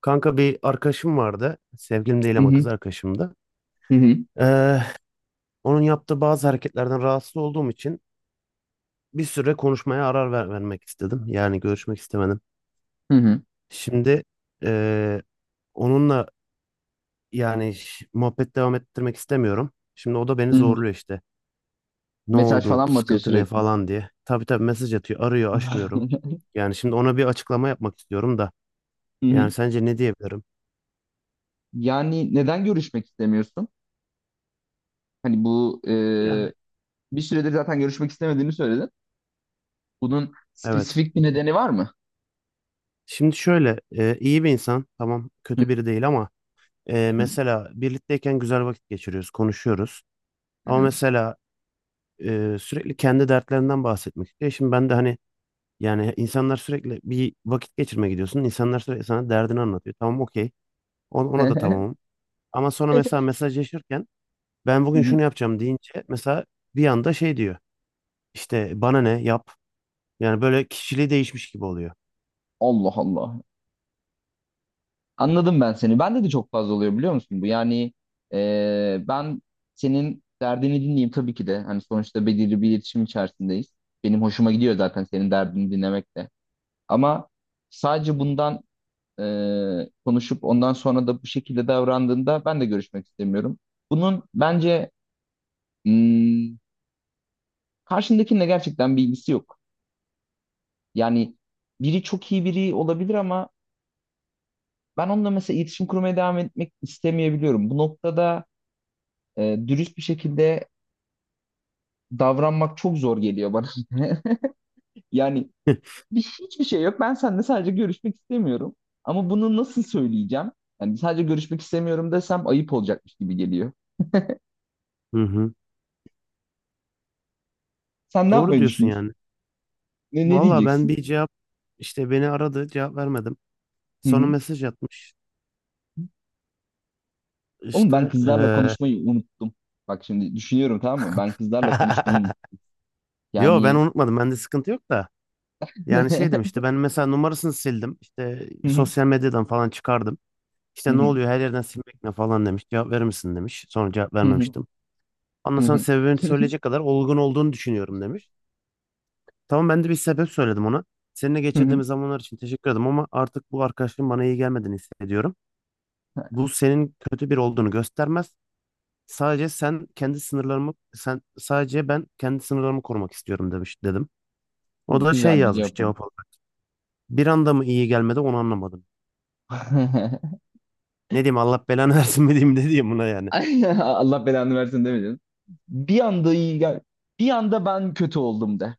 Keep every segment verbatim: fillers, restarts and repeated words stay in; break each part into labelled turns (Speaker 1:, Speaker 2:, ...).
Speaker 1: Kanka bir arkadaşım vardı. Sevgilim değil
Speaker 2: Hı
Speaker 1: ama
Speaker 2: hı.
Speaker 1: kız arkadaşımdı.
Speaker 2: Hı hı.
Speaker 1: Ee, Onun yaptığı bazı hareketlerden rahatsız olduğum için bir süre konuşmaya arar ver- vermek istedim. Yani görüşmek istemedim.
Speaker 2: Hı hı.
Speaker 1: Şimdi ee, onunla yani ş- muhabbet devam ettirmek istemiyorum. Şimdi o da beni
Speaker 2: Hı hı. O.
Speaker 1: zorluyor işte. Ne
Speaker 2: Mesaj
Speaker 1: oldu?
Speaker 2: falan mı atıyor
Speaker 1: Sıkıntı ne
Speaker 2: sürekli?
Speaker 1: falan diye. Tabii tabii mesaj atıyor. Arıyor, açmıyorum. Yani şimdi ona bir açıklama yapmak istiyorum da.
Speaker 2: Hı hı.
Speaker 1: Yani sence ne diyebilirim?
Speaker 2: Yani neden görüşmek istemiyorsun? Hani bu e,
Speaker 1: Yani
Speaker 2: bir süredir zaten görüşmek istemediğini söyledin. Bunun
Speaker 1: evet.
Speaker 2: spesifik bir nedeni var mı?
Speaker 1: Şimdi şöyle e, iyi bir insan. Tamam kötü biri değil ama Ee,
Speaker 2: Hı hı.
Speaker 1: mesela birlikteyken güzel vakit geçiriyoruz, konuşuyoruz.
Speaker 2: Hı
Speaker 1: Ama
Speaker 2: hı.
Speaker 1: mesela e, sürekli kendi dertlerinden bahsetmek istiyor. Şimdi ben de hani yani insanlar sürekli bir vakit geçirmeye gidiyorsun. İnsanlar sürekli sana derdini anlatıyor. Tamam okey. Ona, ona da tamamım. Ama sonra mesela mesajlaşırken ben
Speaker 2: Hı
Speaker 1: bugün
Speaker 2: hı.
Speaker 1: şunu yapacağım deyince mesela bir anda şey diyor. İşte bana ne yap. Yani böyle kişiliği değişmiş gibi oluyor.
Speaker 2: Allah Allah. Anladım ben seni. Bende de çok fazla oluyor biliyor musun bu? Yani e, ben senin derdini dinleyeyim tabii ki de. Hani sonuçta belirli bir iletişim içerisindeyiz. Benim hoşuma gidiyor zaten senin derdini dinlemek de. Ama sadece bundan e, konuşup ondan sonra da bu şekilde davrandığında ben de görüşmek istemiyorum. Bunun bence hmm, karşındakinle gerçekten bir ilgisi yok. Yani biri çok iyi biri olabilir ama ben onunla mesela iletişim kurmaya devam etmek istemeyebiliyorum. Bu noktada e, dürüst bir şekilde davranmak çok zor geliyor bana. Yani bir, hiçbir şey yok. Ben seninle sadece görüşmek istemiyorum. Ama bunu nasıl söyleyeceğim? Yani sadece görüşmek istemiyorum desem ayıp olacakmış gibi geliyor.
Speaker 1: Hı hı.
Speaker 2: Sen ne
Speaker 1: Doğru
Speaker 2: yapmayı
Speaker 1: diyorsun
Speaker 2: düşünüyorsun?
Speaker 1: yani.
Speaker 2: Ne, ne
Speaker 1: Valla ben
Speaker 2: diyeceksin?
Speaker 1: bir cevap işte beni aradı, cevap vermedim.
Speaker 2: Hı
Speaker 1: Sonra
Speaker 2: hı.
Speaker 1: mesaj atmış.
Speaker 2: Oğlum ben
Speaker 1: İşte
Speaker 2: kızlarla
Speaker 1: eee
Speaker 2: konuşmayı unuttum. Bak şimdi düşünüyorum tamam mı? Ben kızlarla konuşmayı unuttum.
Speaker 1: yo ben
Speaker 2: Yani
Speaker 1: unutmadım. Bende sıkıntı yok da. Yani şey demişti, ben mesela numarasını sildim. İşte
Speaker 2: Hı hı,
Speaker 1: sosyal medyadan falan çıkardım.
Speaker 2: hı
Speaker 1: İşte ne
Speaker 2: hı,
Speaker 1: oluyor her yerden silmek ne falan demiş. Cevap verir misin demiş. Sonra cevap
Speaker 2: hı hı,
Speaker 1: vermemiştim. Ondan
Speaker 2: hı
Speaker 1: sonra
Speaker 2: hı,
Speaker 1: sebebini
Speaker 2: hı hı.
Speaker 1: söyleyecek kadar olgun olduğunu düşünüyorum demiş. Tamam ben de bir sebep söyledim ona. Seninle
Speaker 2: Hı hı.
Speaker 1: geçirdiğimiz zamanlar için teşekkür ederim ama artık bu arkadaşlığın bana iyi gelmediğini hissediyorum. Bu senin kötü biri olduğunu göstermez. Sadece sen kendi sınırlarımı sen sadece ben kendi sınırlarımı korumak istiyorum demiş dedim. O da şey
Speaker 2: Güzel bir
Speaker 1: yazmış
Speaker 2: cevap oldu.
Speaker 1: cevap olarak. Bir anda mı iyi gelmedi onu anlamadım. Ne diyeyim, Allah belanı versin mi diyeyim ne diyeyim buna yani.
Speaker 2: Allah belanı versin demeyeceğim. Bir anda iyi gel. Bir anda ben kötü oldum de.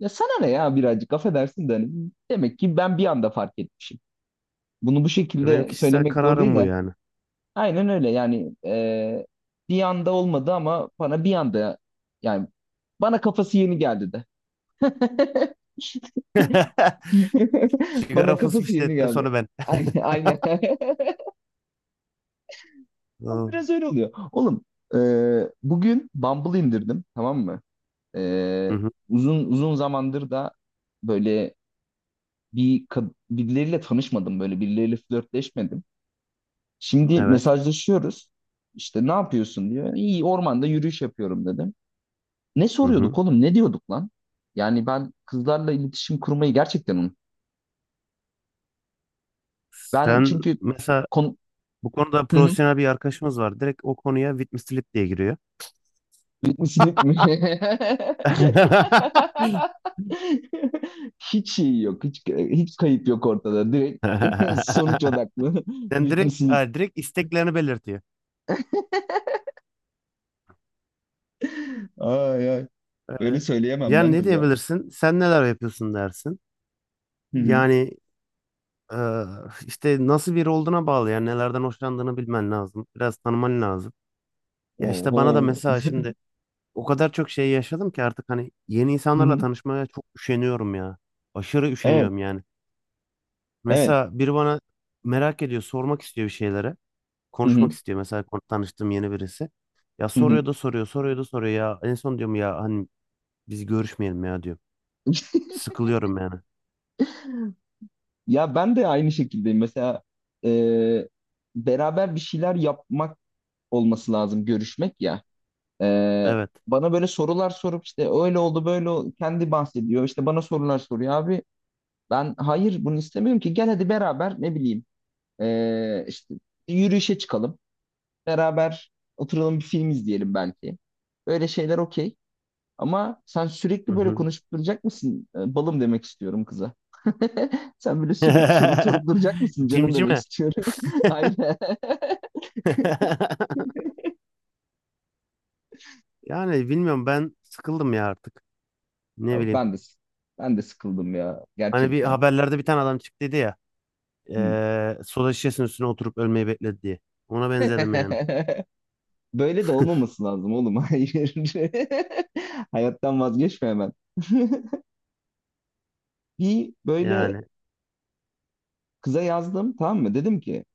Speaker 2: Ya sana ne ya birazcık affedersin de hani demek ki ben bir anda fark etmişim. Bunu bu
Speaker 1: E, Benim
Speaker 2: şekilde
Speaker 1: kişisel
Speaker 2: söylemek doğru
Speaker 1: kararım
Speaker 2: değil.
Speaker 1: bu yani.
Speaker 2: Aynen öyle yani e, bir anda olmadı ama bana bir anda yani bana kafası yeni geldi de.
Speaker 1: Sigara
Speaker 2: Bana kafası yeni
Speaker 1: fısfışladıktan
Speaker 2: geldi.
Speaker 1: sonra ben.
Speaker 2: Aynen aynen. Ama
Speaker 1: Hı
Speaker 2: biraz öyle oluyor. Oğlum e, bugün Bumble indirdim tamam mı? E,
Speaker 1: hı,
Speaker 2: uzun uzun zamandır da böyle bir kad- birileriyle tanışmadım, böyle birileriyle flörtleşmedim. Şimdi
Speaker 1: evet.
Speaker 2: mesajlaşıyoruz. İşte ne yapıyorsun diyor. İyi, ormanda yürüyüş yapıyorum dedim. Ne
Speaker 1: Hı
Speaker 2: soruyorduk
Speaker 1: hı.
Speaker 2: oğlum? Ne diyorduk lan? Yani ben kızlarla iletişim kurmayı gerçekten unuttum. Ben
Speaker 1: Sen
Speaker 2: çünkü
Speaker 1: mesela
Speaker 2: kon...
Speaker 1: bu konuda
Speaker 2: Hı hı.
Speaker 1: profesyonel bir arkadaşımız var. Direkt o konuya witness slip diye giriyor.
Speaker 2: Bitmişsiniz mi? Hiç şey yok. Hiç, hiç kayıp yok ortada. Direkt sonuç odaklı.
Speaker 1: Sen direkt,
Speaker 2: Bitmişsiniz.
Speaker 1: ha, direkt isteklerini belirtiyor.
Speaker 2: Ay ay. Öyle
Speaker 1: Öyle.
Speaker 2: söyleyemem
Speaker 1: Yani
Speaker 2: lan
Speaker 1: ne
Speaker 2: kıza.
Speaker 1: diyebilirsin? Sen neler yapıyorsun dersin.
Speaker 2: Hı hı.
Speaker 1: Yani eee, işte nasıl biri olduğuna bağlı. Yani nelerden hoşlandığını bilmen lazım. Biraz tanıman lazım. Ya işte bana da
Speaker 2: Oho.
Speaker 1: mesela şimdi o kadar çok şey yaşadım ki artık hani yeni
Speaker 2: Hı
Speaker 1: insanlarla
Speaker 2: hı.
Speaker 1: tanışmaya çok üşeniyorum ya. Aşırı
Speaker 2: Evet.
Speaker 1: üşeniyorum yani.
Speaker 2: Evet.
Speaker 1: Mesela biri bana merak ediyor, sormak istiyor bir şeylere.
Speaker 2: Hı hı.
Speaker 1: Konuşmak istiyor mesela kon- tanıştığım yeni birisi. Ya
Speaker 2: Hı hı.
Speaker 1: soruyor da soruyor, soruyor da soruyor ya. En son diyorum ya hani biz görüşmeyelim ya diyor. Sıkılıyorum yani.
Speaker 2: Ya ben de aynı şekildeyim. Mesela e, beraber bir şeyler yapmak olması lazım görüşmek ya. Ee,
Speaker 1: Evet.
Speaker 2: bana böyle sorular sorup işte öyle oldu böyle oldu, kendi bahsediyor. İşte bana sorular soruyor abi. Ben hayır, bunu istemiyorum ki. Gel hadi beraber, ne bileyim, ee, işte bir yürüyüşe çıkalım. Beraber oturalım, bir film izleyelim belki. Böyle şeyler okey. Ama sen
Speaker 1: Hı
Speaker 2: sürekli böyle
Speaker 1: hı.
Speaker 2: konuşup duracak mısın? Ee, Balım demek istiyorum kıza. Sen böyle sürekli soru sorup duracak mısın canım demek
Speaker 1: Cimcime.
Speaker 2: istiyorum. Aynen.
Speaker 1: Yani bilmiyorum, ben sıkıldım ya artık. Ne
Speaker 2: Abi
Speaker 1: bileyim.
Speaker 2: ben de ben de sıkıldım ya,
Speaker 1: Hani bir
Speaker 2: gerçekten.
Speaker 1: haberlerde bir tane adam çıktıydı ya.
Speaker 2: Hı.
Speaker 1: eee soda şişesinin üstüne oturup ölmeyi bekledi diye. Ona benzedim yani.
Speaker 2: Böyle de olmaması lazım oğlum. Hayır. Hayattan vazgeçme hemen. Bir böyle
Speaker 1: Yani.
Speaker 2: kıza yazdım tamam mı? Dedim ki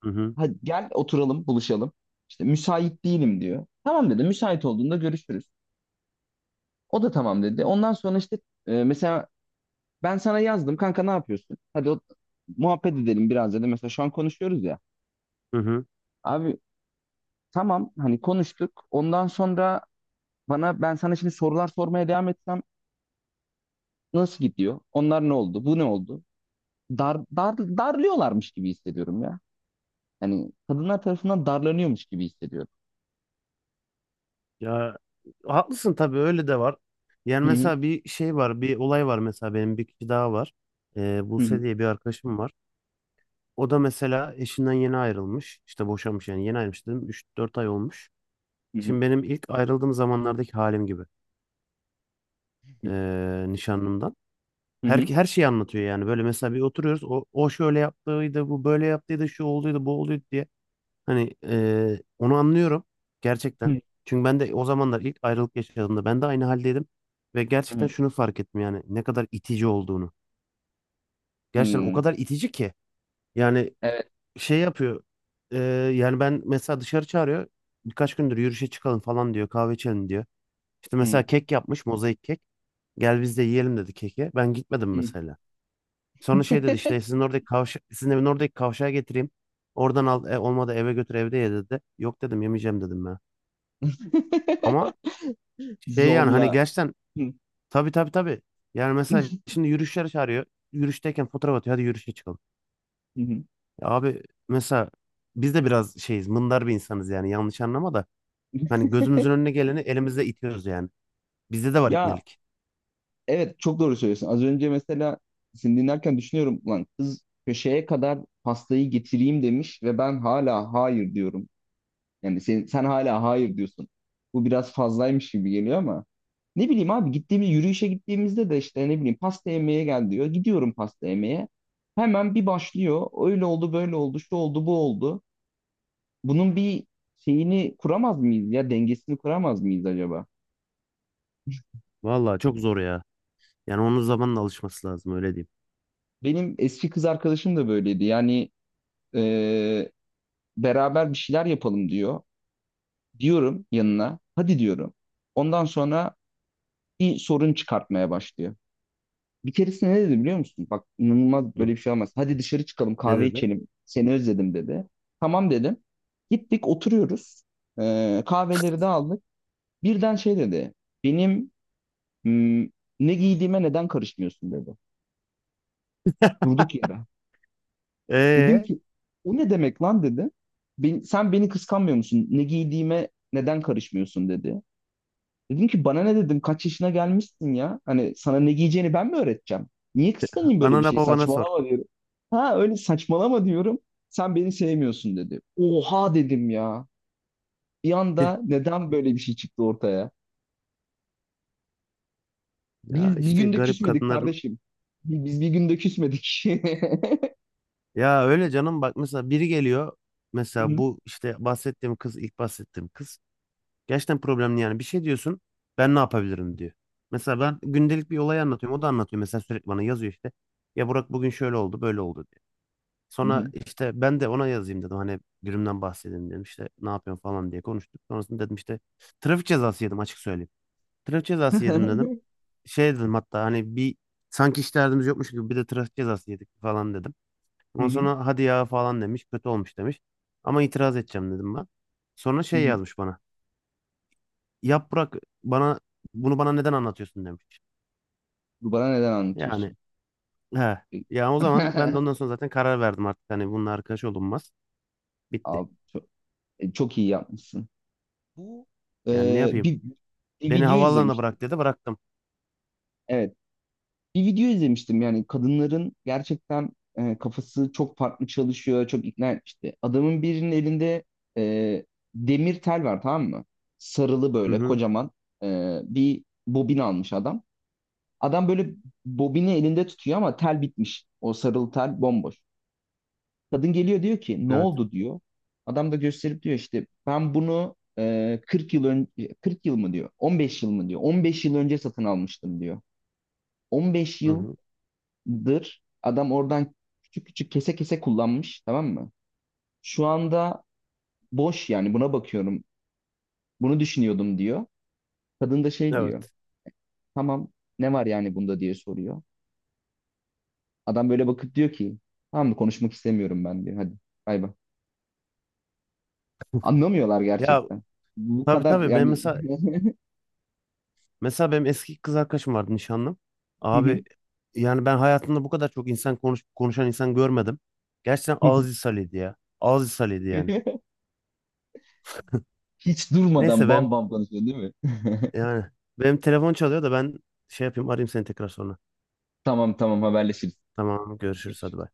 Speaker 1: Hı hı.
Speaker 2: hadi gel oturalım, buluşalım. İşte müsait değilim diyor. Tamam dedi, müsait olduğunda görüşürüz. O da tamam dedi. Ondan sonra işte e, mesela ben sana yazdım kanka, ne yapıyorsun? Hadi o, muhabbet edelim biraz dedi. Mesela şu an konuşuyoruz ya.
Speaker 1: Hı hı.
Speaker 2: Abi tamam, hani konuştuk. Ondan sonra bana ben sana şimdi sorular sormaya devam etsem, nasıl gidiyor? Onlar ne oldu? Bu ne oldu? Dar, dar, darlıyorlarmış gibi hissediyorum ya. Yani kadınlar tarafından darlanıyormuş gibi hissediyorum.
Speaker 1: Ya haklısın, tabii öyle de var. Yani
Speaker 2: Hı hı.
Speaker 1: mesela bir şey var, bir olay var, mesela benim bir kişi daha var. Eee
Speaker 2: Hı hı.
Speaker 1: Buse diye bir arkadaşım var. O da mesela eşinden yeni ayrılmış. İşte boşanmış yani yeni ayrılmış dedim. üç dört ay olmuş.
Speaker 2: Hı hı.
Speaker 1: Şimdi benim ilk ayrıldığım zamanlardaki halim gibi, eee, nişanlımdan.
Speaker 2: Hı
Speaker 1: Her,
Speaker 2: hı.
Speaker 1: her şeyi anlatıyor yani. Böyle mesela bir oturuyoruz. O, o şöyle yaptıydı, bu böyle yaptıydı, şu olduydu, bu olduydu diye. Hani eee, onu anlıyorum gerçekten. Çünkü ben de o zamanlar ilk ayrılık yaşadığımda ben de aynı haldeydim. Ve
Speaker 2: Hı
Speaker 1: gerçekten şunu fark ettim, yani ne kadar itici olduğunu.
Speaker 2: hı.
Speaker 1: Gerçekten o
Speaker 2: Hı.
Speaker 1: kadar itici ki. Yani
Speaker 2: Evet.
Speaker 1: şey yapıyor. eee, yani ben mesela dışarı çağırıyor. Birkaç gündür yürüyüşe çıkalım falan diyor, kahve içelim diyor. İşte
Speaker 2: Hı
Speaker 1: mesela kek yapmış, mozaik kek. Gel biz de yiyelim dedi keki. Ben gitmedim
Speaker 2: hı.
Speaker 1: mesela. Sonra şey dedi, işte sizin oradaki kavşa sizin evin oradaki kavşağa getireyim. Oradan al, e, olmadı eve götür evde ye dedi. Yok dedim, yemeyeceğim dedim ben. Ama şey yani hani
Speaker 2: Zorla.
Speaker 1: gerçekten
Speaker 2: Hı.
Speaker 1: tabii tabii tabii. Yani mesela şimdi yürüyüşlere çağırıyor. Yürüyüşteyken fotoğraf atıyor. Hadi yürüyüşe çıkalım.
Speaker 2: Hı hı.
Speaker 1: Ya abi mesela biz de biraz şeyiz, mındar bir insanız yani, yanlış anlama da. Hani gözümüzün önüne geleni elimizle itiyoruz yani. Bizde de var
Speaker 2: Ya
Speaker 1: ibnelik.
Speaker 2: evet, çok doğru söylüyorsun. Az önce mesela seni dinlerken düşünüyorum, lan kız köşeye kadar pastayı getireyim demiş ve ben hala hayır diyorum. Yani sen, sen hala hayır diyorsun. Bu biraz fazlaymış gibi geliyor ama ne bileyim abi, gittiğimiz yürüyüşe gittiğimizde de işte ne bileyim, pasta yemeye gel diyor. Gidiyorum pasta yemeye. Hemen bir başlıyor. Öyle oldu, böyle oldu, şu oldu, bu oldu. Bunun bir şeyini kuramaz mıyız ya? Dengesini kuramaz mıyız acaba?
Speaker 1: Vallahi çok zor ya. Yani onun zamanla alışması lazım, öyle diyeyim.
Speaker 2: Benim eski kız arkadaşım da böyleydi. Yani eee, beraber bir şeyler yapalım diyor. Diyorum yanına. Hadi diyorum. Ondan sonra bir sorun çıkartmaya başlıyor. Bir keresinde ne dedi biliyor musun? Bak inanılmaz,
Speaker 1: Hı.
Speaker 2: böyle bir şey olmaz. Hadi dışarı çıkalım,
Speaker 1: Ne
Speaker 2: kahve
Speaker 1: dedi?
Speaker 2: içelim. Seni özledim dedi. Tamam dedim. Gittik, oturuyoruz. Ee, kahveleri de aldık. Birden şey dedi. Benim hmm, ne giydiğime neden karışmıyorsun dedi. Durduk yere. Dedim
Speaker 1: Ee,
Speaker 2: ki o ne demek lan dedi. "Ben- sen beni kıskanmıyor musun? Ne giydiğime neden karışmıyorsun dedi. Dedim ki bana ne, dedim, kaç yaşına gelmişsin ya? Hani sana ne giyeceğini ben mi öğreteceğim? Niye kıskanayım böyle bir
Speaker 1: Anana
Speaker 2: şey?
Speaker 1: babana sor.
Speaker 2: Saçmalama diyorum. Ha öyle, saçmalama diyorum. Sen beni sevmiyorsun dedi. Oha dedim ya. Bir anda neden böyle bir şey çıktı ortaya?
Speaker 1: Ya
Speaker 2: Biz bir
Speaker 1: işte
Speaker 2: günde
Speaker 1: garip
Speaker 2: küsmedik
Speaker 1: kadınların,
Speaker 2: kardeşim. Bi- Biz bir günde küsmedik.
Speaker 1: ya öyle canım bak, mesela biri geliyor,
Speaker 2: Hı
Speaker 1: mesela
Speaker 2: hı,
Speaker 1: bu işte bahsettiğim kız, ilk bahsettiğim kız, gerçekten problemli yani, bir şey diyorsun ben ne yapabilirim diyor. Mesela ben gündelik bir olay anlatıyorum, o da anlatıyor mesela, sürekli bana yazıyor işte ya, Burak bugün şöyle oldu böyle oldu diyor.
Speaker 2: hı
Speaker 1: Sonra
Speaker 2: hı,
Speaker 1: işte ben de ona yazayım dedim, hani günümden bahsedeyim dedim, işte ne yapıyorsun falan diye konuştuk. Sonrasında dedim işte, trafik cezası yedim açık söyleyeyim. Trafik cezası yedim dedim. Şey dedim hatta, hani bir, sanki hiç derdimiz yokmuş gibi bir de trafik cezası yedik falan dedim.
Speaker 2: hı
Speaker 1: Ondan
Speaker 2: hı,
Speaker 1: sonra hadi ya falan demiş. Kötü olmuş demiş. Ama itiraz edeceğim dedim ben. Sonra
Speaker 2: hı
Speaker 1: şey
Speaker 2: hı.
Speaker 1: yazmış bana. Yap bırak bana, bunu bana neden anlatıyorsun demiş.
Speaker 2: Bu bana neden
Speaker 1: Yani
Speaker 2: anlatıyorsun?
Speaker 1: he. Ya o zaman ben de ondan sonra zaten karar verdim artık. Hani bununla arkadaş olunmaz. Bitti.
Speaker 2: Abi çok, e, çok iyi yapmışsın. Bu
Speaker 1: Yani ne
Speaker 2: Ee,
Speaker 1: yapayım?
Speaker 2: bir, bir
Speaker 1: Beni
Speaker 2: video
Speaker 1: havaalanına
Speaker 2: izlemiştim.
Speaker 1: bırak dedi, bıraktım.
Speaker 2: Evet. Bir video izlemiştim, yani kadınların gerçekten e, kafası çok farklı çalışıyor, çok ikna etmişti. Adamın birinin elinde e, demir tel var tamam mı? Sarılı
Speaker 1: Hı
Speaker 2: böyle
Speaker 1: hı.
Speaker 2: kocaman e, bir bobin almış adam. Adam böyle bobini elinde tutuyor ama tel bitmiş. O sarılı tel bomboş. Kadın geliyor, diyor ki ne
Speaker 1: Evet.
Speaker 2: oldu diyor. Adam da gösterip diyor, işte ben bunu e, kırk yıl önce, kırk yıl mı diyor on beş yıl mı diyor, on beş yıl önce satın almıştım diyor. on beş
Speaker 1: Hı
Speaker 2: yıl
Speaker 1: hı.
Speaker 2: dır. Adam oradan küçük küçük, kese kese kullanmış tamam mı? Şu anda boş, yani buna bakıyorum. Bunu düşünüyordum diyor. Kadın da şey diyor.
Speaker 1: Evet.
Speaker 2: Tamam, ne var yani bunda diye soruyor. Adam böyle bakıp diyor ki tamam mı, konuşmak istemiyorum ben diyor. Hadi bay bay. Anlamıyorlar
Speaker 1: Ya
Speaker 2: gerçekten. Bu
Speaker 1: tabii
Speaker 2: kadar
Speaker 1: tabii ben
Speaker 2: yani
Speaker 1: mesela. Mesela benim eski kız arkadaşım vardı, nişanlım. Abi yani ben hayatımda bu kadar çok insan konuş, konuşan insan görmedim. Gerçekten ağız ishaliydi ya. Ağız ishaliydi yani.
Speaker 2: hiç durmadan
Speaker 1: Neyse
Speaker 2: bam
Speaker 1: benim,
Speaker 2: bam konuşuyor değil mi?
Speaker 1: yani benim telefon çalıyor da ben şey yapayım arayayım seni tekrar sonra.
Speaker 2: Tamam tamam, haberleşiriz.
Speaker 1: Tamam görüşürüz hadi
Speaker 2: Görüşürüz.
Speaker 1: bay.